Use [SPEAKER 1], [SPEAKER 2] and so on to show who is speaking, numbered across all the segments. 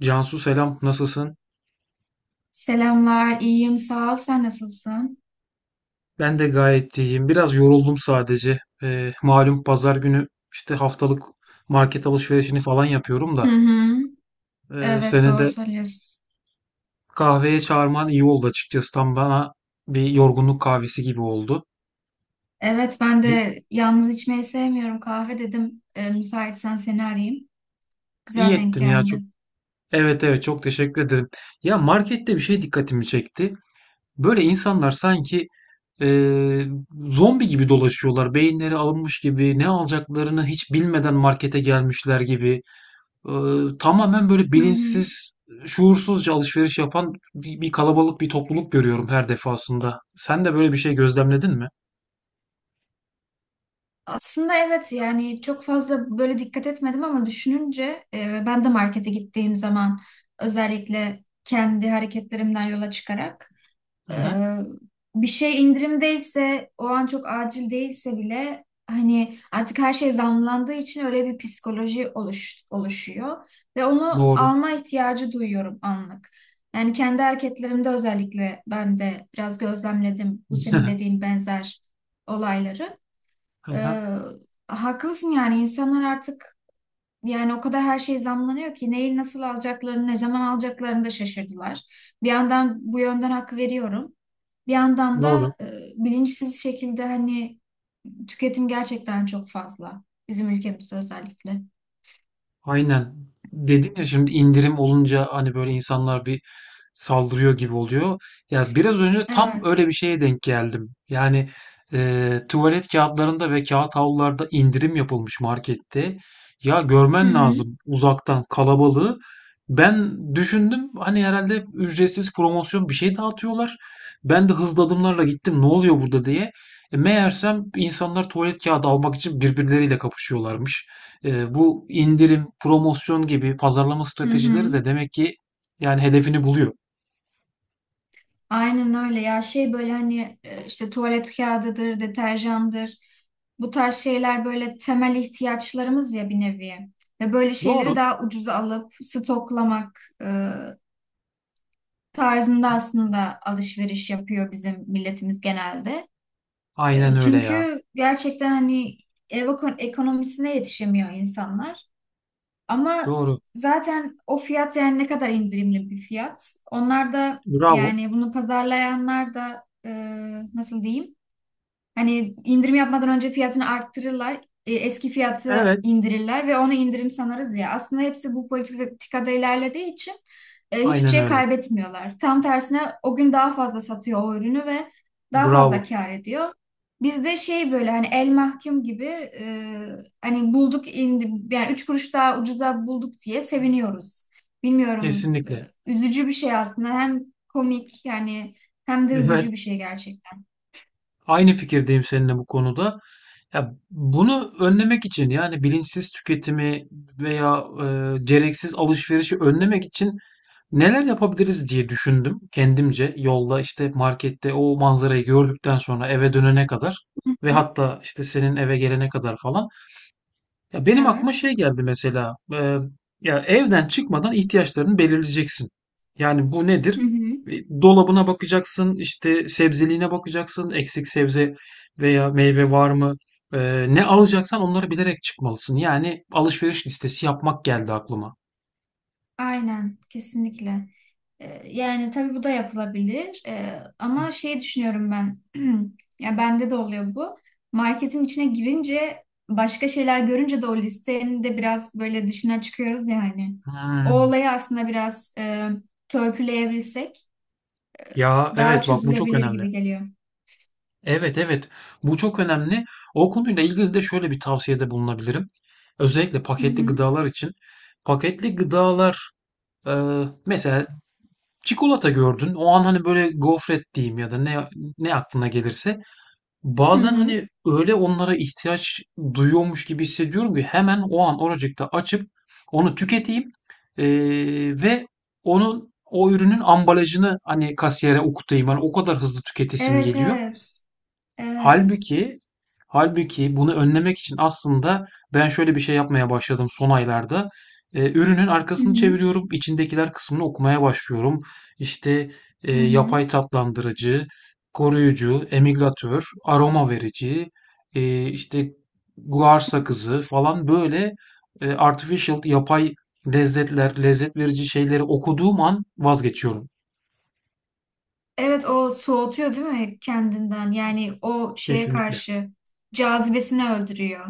[SPEAKER 1] Cansu selam, nasılsın?
[SPEAKER 2] Selamlar, iyiyim, sağ ol. Sen nasılsın?
[SPEAKER 1] Ben de gayet iyiyim. Biraz yoruldum sadece. Malum pazar günü işte haftalık market alışverişini falan yapıyorum da.
[SPEAKER 2] Hı hı. Evet,
[SPEAKER 1] Seni
[SPEAKER 2] doğru
[SPEAKER 1] de
[SPEAKER 2] söylüyorsun.
[SPEAKER 1] kahveye çağırman iyi oldu açıkçası. Tam bana bir yorgunluk kahvesi gibi oldu.
[SPEAKER 2] Evet, ben
[SPEAKER 1] Hı.
[SPEAKER 2] de yalnız içmeyi sevmiyorum. Kahve dedim. Müsaitsen seni arayayım.
[SPEAKER 1] İyi
[SPEAKER 2] Güzel denk
[SPEAKER 1] ettin ya çok.
[SPEAKER 2] geldi.
[SPEAKER 1] Evet evet, çok teşekkür ederim. Ya markette bir şey dikkatimi çekti. Böyle insanlar sanki eee, zombi gibi dolaşıyorlar. Beyinleri alınmış gibi ne alacaklarını hiç bilmeden markete gelmişler gibi. Tamamen böyle
[SPEAKER 2] Hı hı.
[SPEAKER 1] bilinçsiz, şuursuzca alışveriş yapan bir kalabalık bir topluluk görüyorum her defasında. Sen de böyle bir şey gözlemledin mi?
[SPEAKER 2] Aslında evet yani çok fazla böyle dikkat etmedim ama düşününce ben de markete gittiğim zaman özellikle kendi hareketlerimden yola çıkarak.
[SPEAKER 1] Hı
[SPEAKER 2] Ee,
[SPEAKER 1] hı.
[SPEAKER 2] bir şey indirimdeyse o an çok acil değilse bile hani artık her şey zamlandığı için öyle bir psikoloji oluşuyor ve onu
[SPEAKER 1] Doğru.
[SPEAKER 2] alma ihtiyacı duyuyorum anlık. Yani kendi hareketlerimde özellikle ben de biraz gözlemledim bu senin dediğin benzer olayları.
[SPEAKER 1] Hı
[SPEAKER 2] Ee,
[SPEAKER 1] hı.
[SPEAKER 2] haklısın yani insanlar artık yani o kadar her şey zamlanıyor ki neyi nasıl alacaklarını, ne zaman alacaklarını da şaşırdılar. Bir yandan bu yönden hak veriyorum. Bir yandan
[SPEAKER 1] Doğru.
[SPEAKER 2] da bilinçsiz şekilde hani tüketim gerçekten çok fazla. Bizim ülkemizde özellikle.
[SPEAKER 1] Aynen. Dedin ya, şimdi indirim olunca hani böyle insanlar bir saldırıyor gibi oluyor. Ya biraz önce tam
[SPEAKER 2] Evet.
[SPEAKER 1] öyle bir şeye denk geldim. Yani tuvalet kağıtlarında ve kağıt havlularda indirim yapılmış markette. Ya
[SPEAKER 2] Hı
[SPEAKER 1] görmen
[SPEAKER 2] hı.
[SPEAKER 1] lazım uzaktan kalabalığı. Ben düşündüm, hani herhalde ücretsiz promosyon bir şey dağıtıyorlar. Ben de hızlı adımlarla gittim ne oluyor burada diye. Meğersem insanlar tuvalet kağıdı almak için birbirleriyle kapışıyorlarmış. Bu indirim, promosyon gibi pazarlama
[SPEAKER 2] Hı
[SPEAKER 1] stratejileri
[SPEAKER 2] hı.
[SPEAKER 1] de demek ki yani hedefini buluyor.
[SPEAKER 2] Aynen öyle ya şey böyle hani işte tuvalet kağıdıdır, deterjandır. Bu tarz şeyler böyle temel ihtiyaçlarımız ya bir nevi. Ve böyle şeyleri
[SPEAKER 1] Doğru.
[SPEAKER 2] daha ucuza alıp stoklamak tarzında aslında alışveriş yapıyor bizim milletimiz genelde.
[SPEAKER 1] Aynen
[SPEAKER 2] E,
[SPEAKER 1] öyle ya.
[SPEAKER 2] Çünkü gerçekten hani ev ekonomisine yetişemiyor insanlar. Ama
[SPEAKER 1] Doğru.
[SPEAKER 2] zaten o fiyat yani ne kadar indirimli bir fiyat. Onlar da
[SPEAKER 1] Bravo.
[SPEAKER 2] yani bunu pazarlayanlar da nasıl diyeyim? Hani indirim yapmadan önce fiyatını arttırırlar. Eski fiyatı
[SPEAKER 1] Evet.
[SPEAKER 2] indirirler ve ona indirim sanarız ya. Aslında hepsi bu politikada ilerlediği için hiçbir
[SPEAKER 1] Aynen
[SPEAKER 2] şey
[SPEAKER 1] öyle.
[SPEAKER 2] kaybetmiyorlar. Tam tersine o gün daha fazla satıyor o ürünü ve daha fazla
[SPEAKER 1] Bravo.
[SPEAKER 2] kâr ediyor. Bizde şey böyle hani el mahkum gibi hani bulduk yani üç kuruş daha ucuza bulduk diye seviniyoruz. Bilmiyorum
[SPEAKER 1] Kesinlikle.
[SPEAKER 2] üzücü bir şey aslında hem komik yani hem de
[SPEAKER 1] Evet.
[SPEAKER 2] üzücü bir şey gerçekten.
[SPEAKER 1] Aynı fikirdeyim seninle bu konuda. Ya bunu önlemek için, yani bilinçsiz tüketimi veya gereksiz alışverişi önlemek için neler yapabiliriz diye düşündüm kendimce. Yolda işte markette o manzarayı gördükten sonra eve dönene kadar
[SPEAKER 2] Hı
[SPEAKER 1] ve
[SPEAKER 2] hı.
[SPEAKER 1] hatta işte senin eve gelene kadar falan. Ya benim aklıma
[SPEAKER 2] Evet.
[SPEAKER 1] şey geldi mesela. Ya evden çıkmadan ihtiyaçlarını belirleyeceksin. Yani bu nedir?
[SPEAKER 2] Hı hı.
[SPEAKER 1] Dolabına bakacaksın, işte sebzeliğine bakacaksın, eksik sebze veya meyve var mı? Ne alacaksan onları bilerek çıkmalısın. Yani alışveriş listesi yapmak geldi aklıma.
[SPEAKER 2] Aynen, kesinlikle. Yani tabii bu da yapılabilir. Ama şey düşünüyorum ben. Ya bende de oluyor bu. Marketin içine girince başka şeyler görünce de o listenin de biraz böyle dışına çıkıyoruz yani. O
[SPEAKER 1] Hmm.
[SPEAKER 2] olayı aslında biraz törpüleyebilsek
[SPEAKER 1] Ya
[SPEAKER 2] daha
[SPEAKER 1] evet, bak bu çok
[SPEAKER 2] çözülebilir
[SPEAKER 1] önemli.
[SPEAKER 2] gibi geliyor.
[SPEAKER 1] Evet evet, bu çok önemli. O konuyla ilgili de şöyle bir tavsiyede bulunabilirim. Özellikle
[SPEAKER 2] Hı
[SPEAKER 1] paketli
[SPEAKER 2] hı.
[SPEAKER 1] gıdalar için. Paketli gıdalar mesela çikolata gördün. O an hani böyle gofret diyeyim ya da ne aklına gelirse.
[SPEAKER 2] Hı
[SPEAKER 1] Bazen
[SPEAKER 2] hı.
[SPEAKER 1] hani öyle onlara ihtiyaç duyuyormuş gibi hissediyorum ki hemen o an oracıkta açıp onu tüketeyim. Ee, Ve onun o ürünün ambalajını hani kasiyere okutayım. Hani o kadar hızlı tüketesim
[SPEAKER 2] Evet,
[SPEAKER 1] geliyor.
[SPEAKER 2] evet. Evet.
[SPEAKER 1] Halbuki bunu önlemek için aslında ben şöyle bir şey yapmaya başladım son aylarda. Ürünün
[SPEAKER 2] Hı
[SPEAKER 1] arkasını
[SPEAKER 2] hı.
[SPEAKER 1] çeviriyorum, içindekiler kısmını okumaya başlıyorum. İşte,
[SPEAKER 2] Hı hı.
[SPEAKER 1] yapay tatlandırıcı, koruyucu, emilgatör, aroma verici, işte guar sakızı falan böyle, artificial, yapay lezzetler, lezzet verici şeyleri okuduğum an vazgeçiyorum
[SPEAKER 2] Evet o soğutuyor değil mi kendinden? Yani o şeye
[SPEAKER 1] kesinlikle.
[SPEAKER 2] karşı cazibesini öldürüyor.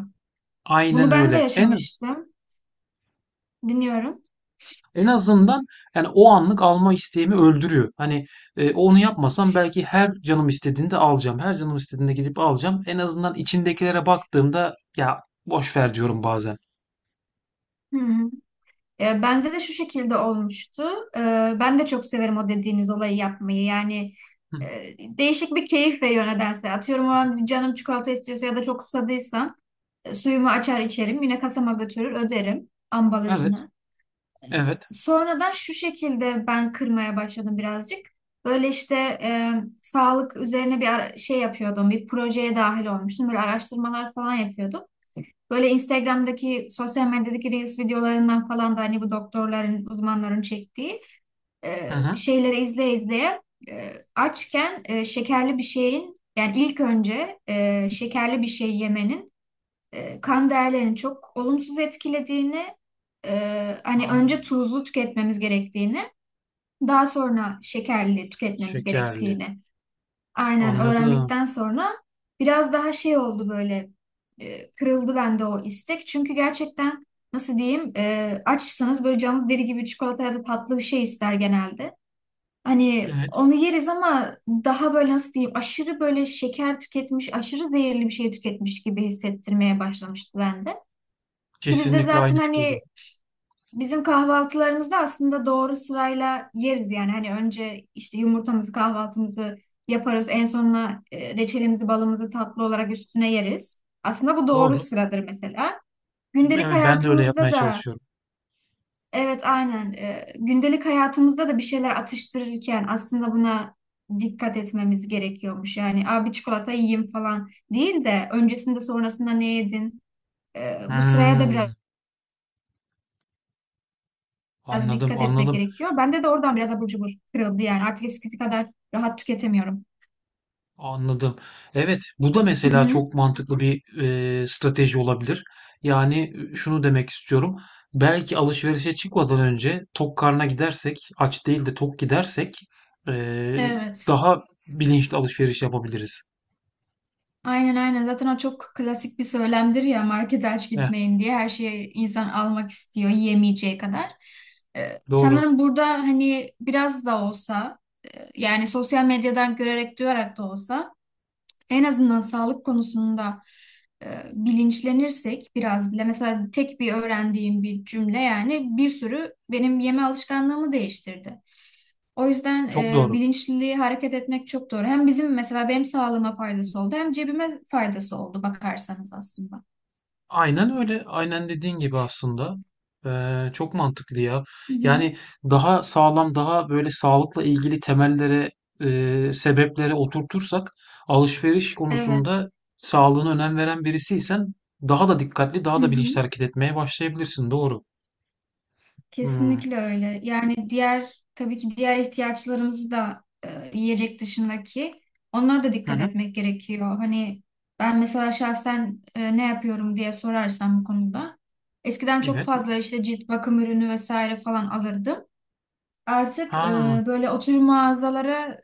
[SPEAKER 1] Aynen
[SPEAKER 2] Bunu ben de
[SPEAKER 1] öyle. En
[SPEAKER 2] yaşamıştım. Dinliyorum.
[SPEAKER 1] en azından yani o anlık alma isteğimi öldürüyor. Hani onu yapmasam belki her canım istediğinde alacağım. Her canım istediğinde gidip alacağım. En azından içindekilere baktığımda ya boş ver diyorum bazen.
[SPEAKER 2] Hı hı. Bende de şu şekilde olmuştu. E, ben de çok severim o dediğiniz olayı yapmayı. Yani
[SPEAKER 1] Hı,
[SPEAKER 2] değişik bir keyif veriyor nedense. Atıyorum o an canım çikolata istiyorsa ya da çok susadıysam suyumu açar içerim. Yine kasama götürür öderim
[SPEAKER 1] evet,
[SPEAKER 2] ambalajını.
[SPEAKER 1] evet.
[SPEAKER 2] Sonradan şu şekilde ben kırmaya başladım birazcık. Böyle işte e, sağlık üzerine bir şey yapıyordum. Bir projeye dahil olmuştum. Böyle araştırmalar falan yapıyordum. Böyle Instagram'daki sosyal medyadaki Reels videolarından falan da hani bu doktorların, uzmanların çektiği
[SPEAKER 1] Hı
[SPEAKER 2] e,
[SPEAKER 1] hı.
[SPEAKER 2] şeyleri izleye izleye açken şekerli bir şeyin yani ilk önce şekerli bir şey yemenin kan değerlerini çok olumsuz etkilediğini, e, hani önce
[SPEAKER 1] Anladım.
[SPEAKER 2] tuzlu tüketmemiz gerektiğini, daha sonra şekerli tüketmemiz
[SPEAKER 1] Şekerli.
[SPEAKER 2] gerektiğini aynen
[SPEAKER 1] Anladım.
[SPEAKER 2] öğrendikten sonra biraz daha şey oldu böyle kırıldı bende o istek. Çünkü gerçekten nasıl diyeyim açsanız böyle canlı deri gibi çikolata ya da tatlı bir şey ister genelde. Hani
[SPEAKER 1] Evet,
[SPEAKER 2] onu yeriz ama daha böyle nasıl diyeyim aşırı böyle şeker tüketmiş, aşırı zehirli bir şey tüketmiş gibi hissettirmeye başlamıştı bende. Ki biz de
[SPEAKER 1] kesinlikle aynı
[SPEAKER 2] zaten hani
[SPEAKER 1] fikirdeyim.
[SPEAKER 2] bizim kahvaltılarımızda aslında doğru sırayla yeriz yani. Hani önce işte yumurtamızı, kahvaltımızı yaparız. En sonuna reçelimizi, balımızı tatlı olarak üstüne yeriz. Aslında bu doğru
[SPEAKER 1] Doğru.
[SPEAKER 2] sıradır mesela. Gündelik
[SPEAKER 1] Evet, ben de öyle yapmaya
[SPEAKER 2] hayatımızda da
[SPEAKER 1] çalışıyorum.
[SPEAKER 2] evet aynen gündelik hayatımızda da bir şeyler atıştırırken aslında buna dikkat etmemiz gerekiyormuş. Yani abi çikolata yiyeyim falan değil de öncesinde sonrasında ne yedin? Bu sıraya da biraz
[SPEAKER 1] Hmm, anladım,
[SPEAKER 2] dikkat etmek
[SPEAKER 1] anladım.
[SPEAKER 2] gerekiyor. Bende de oradan biraz abur cubur kırıldı yani. Artık eskisi kadar rahat tüketemiyorum.
[SPEAKER 1] Anladım. Evet, bu da
[SPEAKER 2] Hı
[SPEAKER 1] mesela
[SPEAKER 2] hı.
[SPEAKER 1] çok mantıklı bir strateji olabilir. Yani şunu demek istiyorum. Belki alışverişe çıkmadan önce tok karna gidersek, aç değil de tok gidersek e,
[SPEAKER 2] Evet.
[SPEAKER 1] daha bilinçli alışveriş yapabiliriz.
[SPEAKER 2] Aynen aynen. Zaten o çok klasik bir söylemdir ya markete aç
[SPEAKER 1] Heh,
[SPEAKER 2] gitmeyin diye. Her şeyi insan almak istiyor yiyemeyeceği kadar. Ee,
[SPEAKER 1] doğru.
[SPEAKER 2] sanırım burada hani biraz da olsa yani sosyal medyadan görerek duyarak da olsa en azından sağlık konusunda e, bilinçlenirsek biraz bile mesela tek bir öğrendiğim bir cümle yani bir sürü benim yeme alışkanlığımı değiştirdi. O yüzden
[SPEAKER 1] Çok doğru.
[SPEAKER 2] bilinçli hareket etmek çok doğru. Hem bizim mesela benim sağlığıma faydası oldu hem cebime faydası oldu bakarsanız aslında.
[SPEAKER 1] Aynen öyle. Aynen dediğin gibi aslında. Çok mantıklı ya.
[SPEAKER 2] Hı hı.
[SPEAKER 1] Yani daha sağlam, daha böyle sağlıkla ilgili temellere, sebeplere oturtursak alışveriş
[SPEAKER 2] Evet.
[SPEAKER 1] konusunda sağlığına önem veren birisiysen daha da dikkatli,
[SPEAKER 2] Hı
[SPEAKER 1] daha da
[SPEAKER 2] hı.
[SPEAKER 1] bilinçli hareket etmeye başlayabilirsin. Doğru. Hmm.
[SPEAKER 2] Kesinlikle öyle. Yani diğer tabii ki diğer ihtiyaçlarımızı da yiyecek dışındaki onlara da
[SPEAKER 1] Hı
[SPEAKER 2] dikkat
[SPEAKER 1] hı.
[SPEAKER 2] etmek gerekiyor. Hani ben mesela şahsen ne yapıyorum diye sorarsam bu konuda. Eskiden çok
[SPEAKER 1] Evet.
[SPEAKER 2] fazla işte cilt bakım ürünü vesaire falan alırdım. Artık
[SPEAKER 1] Ha,
[SPEAKER 2] böyle oturum mağazalara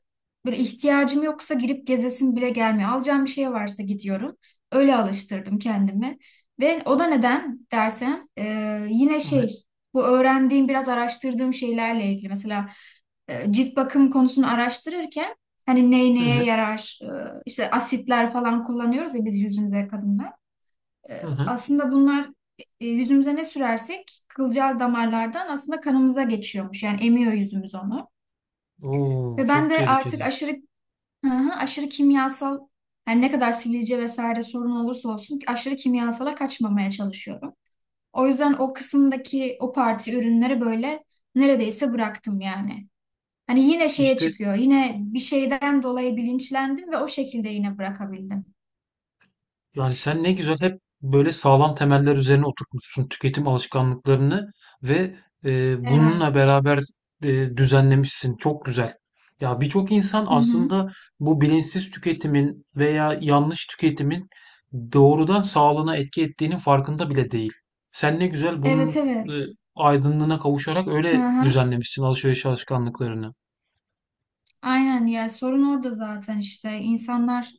[SPEAKER 2] böyle ihtiyacım yoksa girip gezesim bile gelmiyor. Alacağım bir şey varsa gidiyorum. Öyle alıştırdım kendimi. Ve o da neden dersen yine
[SPEAKER 1] evet.
[SPEAKER 2] şey bu öğrendiğim biraz araştırdığım şeylerle ilgili. Mesela cilt bakım konusunu araştırırken hani neye
[SPEAKER 1] Evet.
[SPEAKER 2] yarar işte asitler falan kullanıyoruz ya biz yüzümüze kadınlar.
[SPEAKER 1] Hı
[SPEAKER 2] E,
[SPEAKER 1] hı.
[SPEAKER 2] Aslında bunlar yüzümüze ne sürersek kılcal damarlardan aslında kanımıza geçiyormuş. Yani emiyor yüzümüz onu.
[SPEAKER 1] Oo,
[SPEAKER 2] Ve ben
[SPEAKER 1] çok
[SPEAKER 2] de artık
[SPEAKER 1] tehlikeli.
[SPEAKER 2] aşırı hı hı, aşırı kimyasal yani ne kadar sivilce vesaire sorun olursa olsun aşırı kimyasala kaçmamaya çalışıyorum. O yüzden o kısımdaki o parti ürünleri böyle neredeyse bıraktım yani. Hani yine şeye
[SPEAKER 1] İşte.
[SPEAKER 2] çıkıyor. Yine bir şeyden dolayı bilinçlendim ve o şekilde yine bırakabildim.
[SPEAKER 1] Yani sen ne güzel hep böyle sağlam temeller üzerine oturtmuşsun tüketim alışkanlıklarını ve bununla
[SPEAKER 2] Evet.
[SPEAKER 1] beraber düzenlemişsin. Çok güzel. Ya birçok insan
[SPEAKER 2] Hı hı.
[SPEAKER 1] aslında bu bilinçsiz tüketimin veya yanlış tüketimin doğrudan sağlığına etki ettiğinin farkında bile değil. Sen ne güzel
[SPEAKER 2] Evet
[SPEAKER 1] bunun e,
[SPEAKER 2] evet.
[SPEAKER 1] aydınlığına kavuşarak
[SPEAKER 2] Hı
[SPEAKER 1] öyle
[SPEAKER 2] hı.
[SPEAKER 1] düzenlemişsin alışveriş alışkanlıklarını.
[SPEAKER 2] Aynen ya sorun orada zaten işte insanlar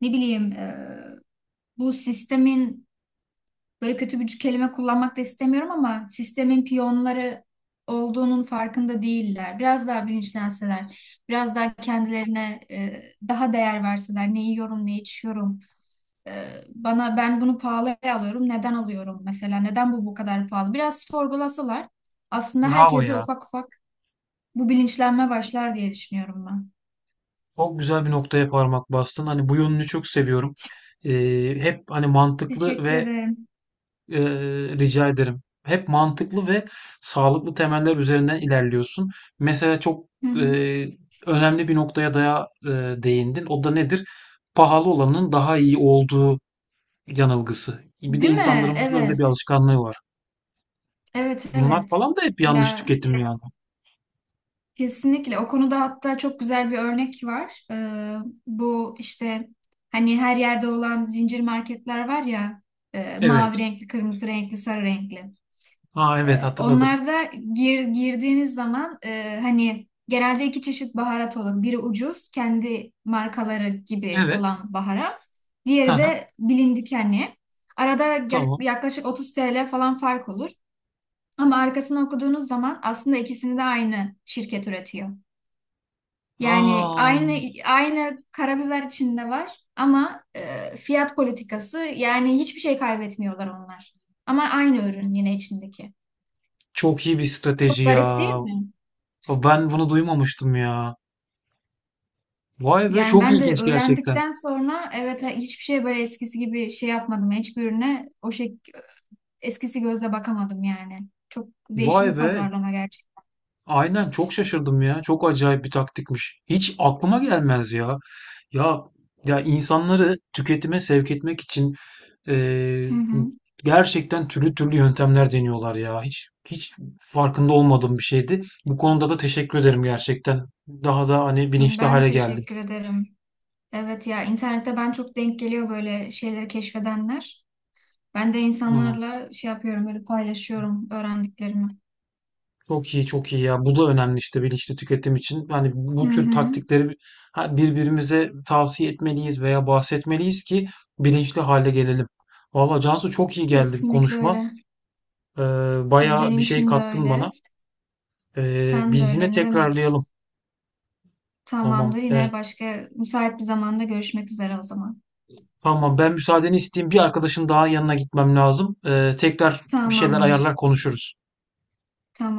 [SPEAKER 2] ne bileyim bu sistemin, böyle kötü bir kelime kullanmak da istemiyorum ama, sistemin piyonları olduğunun farkında değiller. Biraz daha bilinçlenseler, biraz daha kendilerine daha değer verseler, ne yiyorum, ne içiyorum, e, bana ben bunu pahalıya alıyorum, neden alıyorum mesela, neden bu kadar pahalı? Biraz sorgulasalar aslında
[SPEAKER 1] Bravo
[SPEAKER 2] herkese
[SPEAKER 1] ya.
[SPEAKER 2] ufak ufak bu bilinçlenme başlar diye düşünüyorum ben.
[SPEAKER 1] Çok güzel bir noktaya parmak bastın. Hani bu yönünü çok seviyorum. Hep hani mantıklı
[SPEAKER 2] Teşekkür
[SPEAKER 1] ve
[SPEAKER 2] ederim.
[SPEAKER 1] e, rica ederim. Hep mantıklı ve sağlıklı temeller üzerinden ilerliyorsun. Mesela çok
[SPEAKER 2] Hı hı.
[SPEAKER 1] e, önemli bir noktaya değindin. O da nedir? Pahalı olanın daha iyi olduğu yanılgısı. Bir de
[SPEAKER 2] Değil mi?
[SPEAKER 1] insanlarımızın öyle bir
[SPEAKER 2] Evet.
[SPEAKER 1] alışkanlığı var.
[SPEAKER 2] Evet,
[SPEAKER 1] Bunlar
[SPEAKER 2] evet.
[SPEAKER 1] falan da hep yanlış
[SPEAKER 2] Ya,
[SPEAKER 1] tüketim yani.
[SPEAKER 2] kesinlikle o konuda hatta çok güzel bir örnek var. Bu işte hani her yerde olan zincir marketler var ya mavi
[SPEAKER 1] Evet.
[SPEAKER 2] renkli, kırmızı renkli, sarı renkli.
[SPEAKER 1] Aa evet,
[SPEAKER 2] Ee,
[SPEAKER 1] hatırladım.
[SPEAKER 2] onlarda girdiğiniz zaman hani genelde iki çeşit baharat olur. Biri ucuz, kendi markaları gibi
[SPEAKER 1] Evet.
[SPEAKER 2] olan baharat.
[SPEAKER 1] Hı
[SPEAKER 2] Diğeri
[SPEAKER 1] hı.
[SPEAKER 2] de bilindik hani. Arada
[SPEAKER 1] Tamam.
[SPEAKER 2] yaklaşık 30 TL falan fark olur. Ama arkasını okuduğunuz zaman aslında ikisini de aynı şirket üretiyor. Yani
[SPEAKER 1] Aa.
[SPEAKER 2] aynı karabiber içinde var ama fiyat politikası yani hiçbir şey kaybetmiyorlar onlar. Ama aynı ürün yine içindeki.
[SPEAKER 1] Çok iyi bir strateji
[SPEAKER 2] Çok garip değil
[SPEAKER 1] ya.
[SPEAKER 2] mi?
[SPEAKER 1] Ben bunu duymamıştım ya. Vay be,
[SPEAKER 2] Yani
[SPEAKER 1] çok
[SPEAKER 2] ben de
[SPEAKER 1] ilginç gerçekten.
[SPEAKER 2] öğrendikten sonra evet hiçbir şey böyle eskisi gibi şey yapmadım. Hiçbir ürüne o şey eskisi gözle bakamadım yani. Çok
[SPEAKER 1] Vay
[SPEAKER 2] değişik bir
[SPEAKER 1] be.
[SPEAKER 2] pazarlama gerçekten.
[SPEAKER 1] Aynen, çok şaşırdım ya. Çok acayip bir taktikmiş. Hiç aklıma gelmez ya. Ya ya insanları tüketime sevk etmek için eee,
[SPEAKER 2] Hı hı.
[SPEAKER 1] gerçekten türlü türlü yöntemler deniyorlar ya. Hiç farkında olmadığım bir şeydi. Bu konuda da teşekkür ederim gerçekten. Daha da hani bilinçli
[SPEAKER 2] Ben
[SPEAKER 1] hale geldim.
[SPEAKER 2] teşekkür ederim. Evet ya internette ben çok denk geliyor böyle şeyleri keşfedenler. Ben de
[SPEAKER 1] Hmm.
[SPEAKER 2] insanlarla şey yapıyorum, böyle paylaşıyorum öğrendiklerimi.
[SPEAKER 1] Çok iyi, çok iyi ya. Bu da önemli işte bilinçli tüketim için. Yani
[SPEAKER 2] Hı
[SPEAKER 1] bu tür
[SPEAKER 2] hı.
[SPEAKER 1] taktikleri birbirimize tavsiye etmeliyiz veya bahsetmeliyiz ki bilinçli hale gelelim. Valla Cansu, çok iyi geldi bu
[SPEAKER 2] Kesinlikle
[SPEAKER 1] konuşma.
[SPEAKER 2] öyle.
[SPEAKER 1] Ee, Bayağı bir
[SPEAKER 2] Benim
[SPEAKER 1] şey
[SPEAKER 2] için de
[SPEAKER 1] kattın bana.
[SPEAKER 2] öyle. Sen de
[SPEAKER 1] Biz yine
[SPEAKER 2] öyle. Ne demek?
[SPEAKER 1] tekrarlayalım.
[SPEAKER 2] Tamamdır.
[SPEAKER 1] Tamam.
[SPEAKER 2] Yine başka müsait bir zamanda görüşmek üzere o zaman.
[SPEAKER 1] Tamam, ben müsaadeni isteyeyim. Bir arkadaşın daha yanına gitmem lazım. Tekrar bir şeyler
[SPEAKER 2] Tamamdır.
[SPEAKER 1] ayarlar konuşuruz.
[SPEAKER 2] Tamam.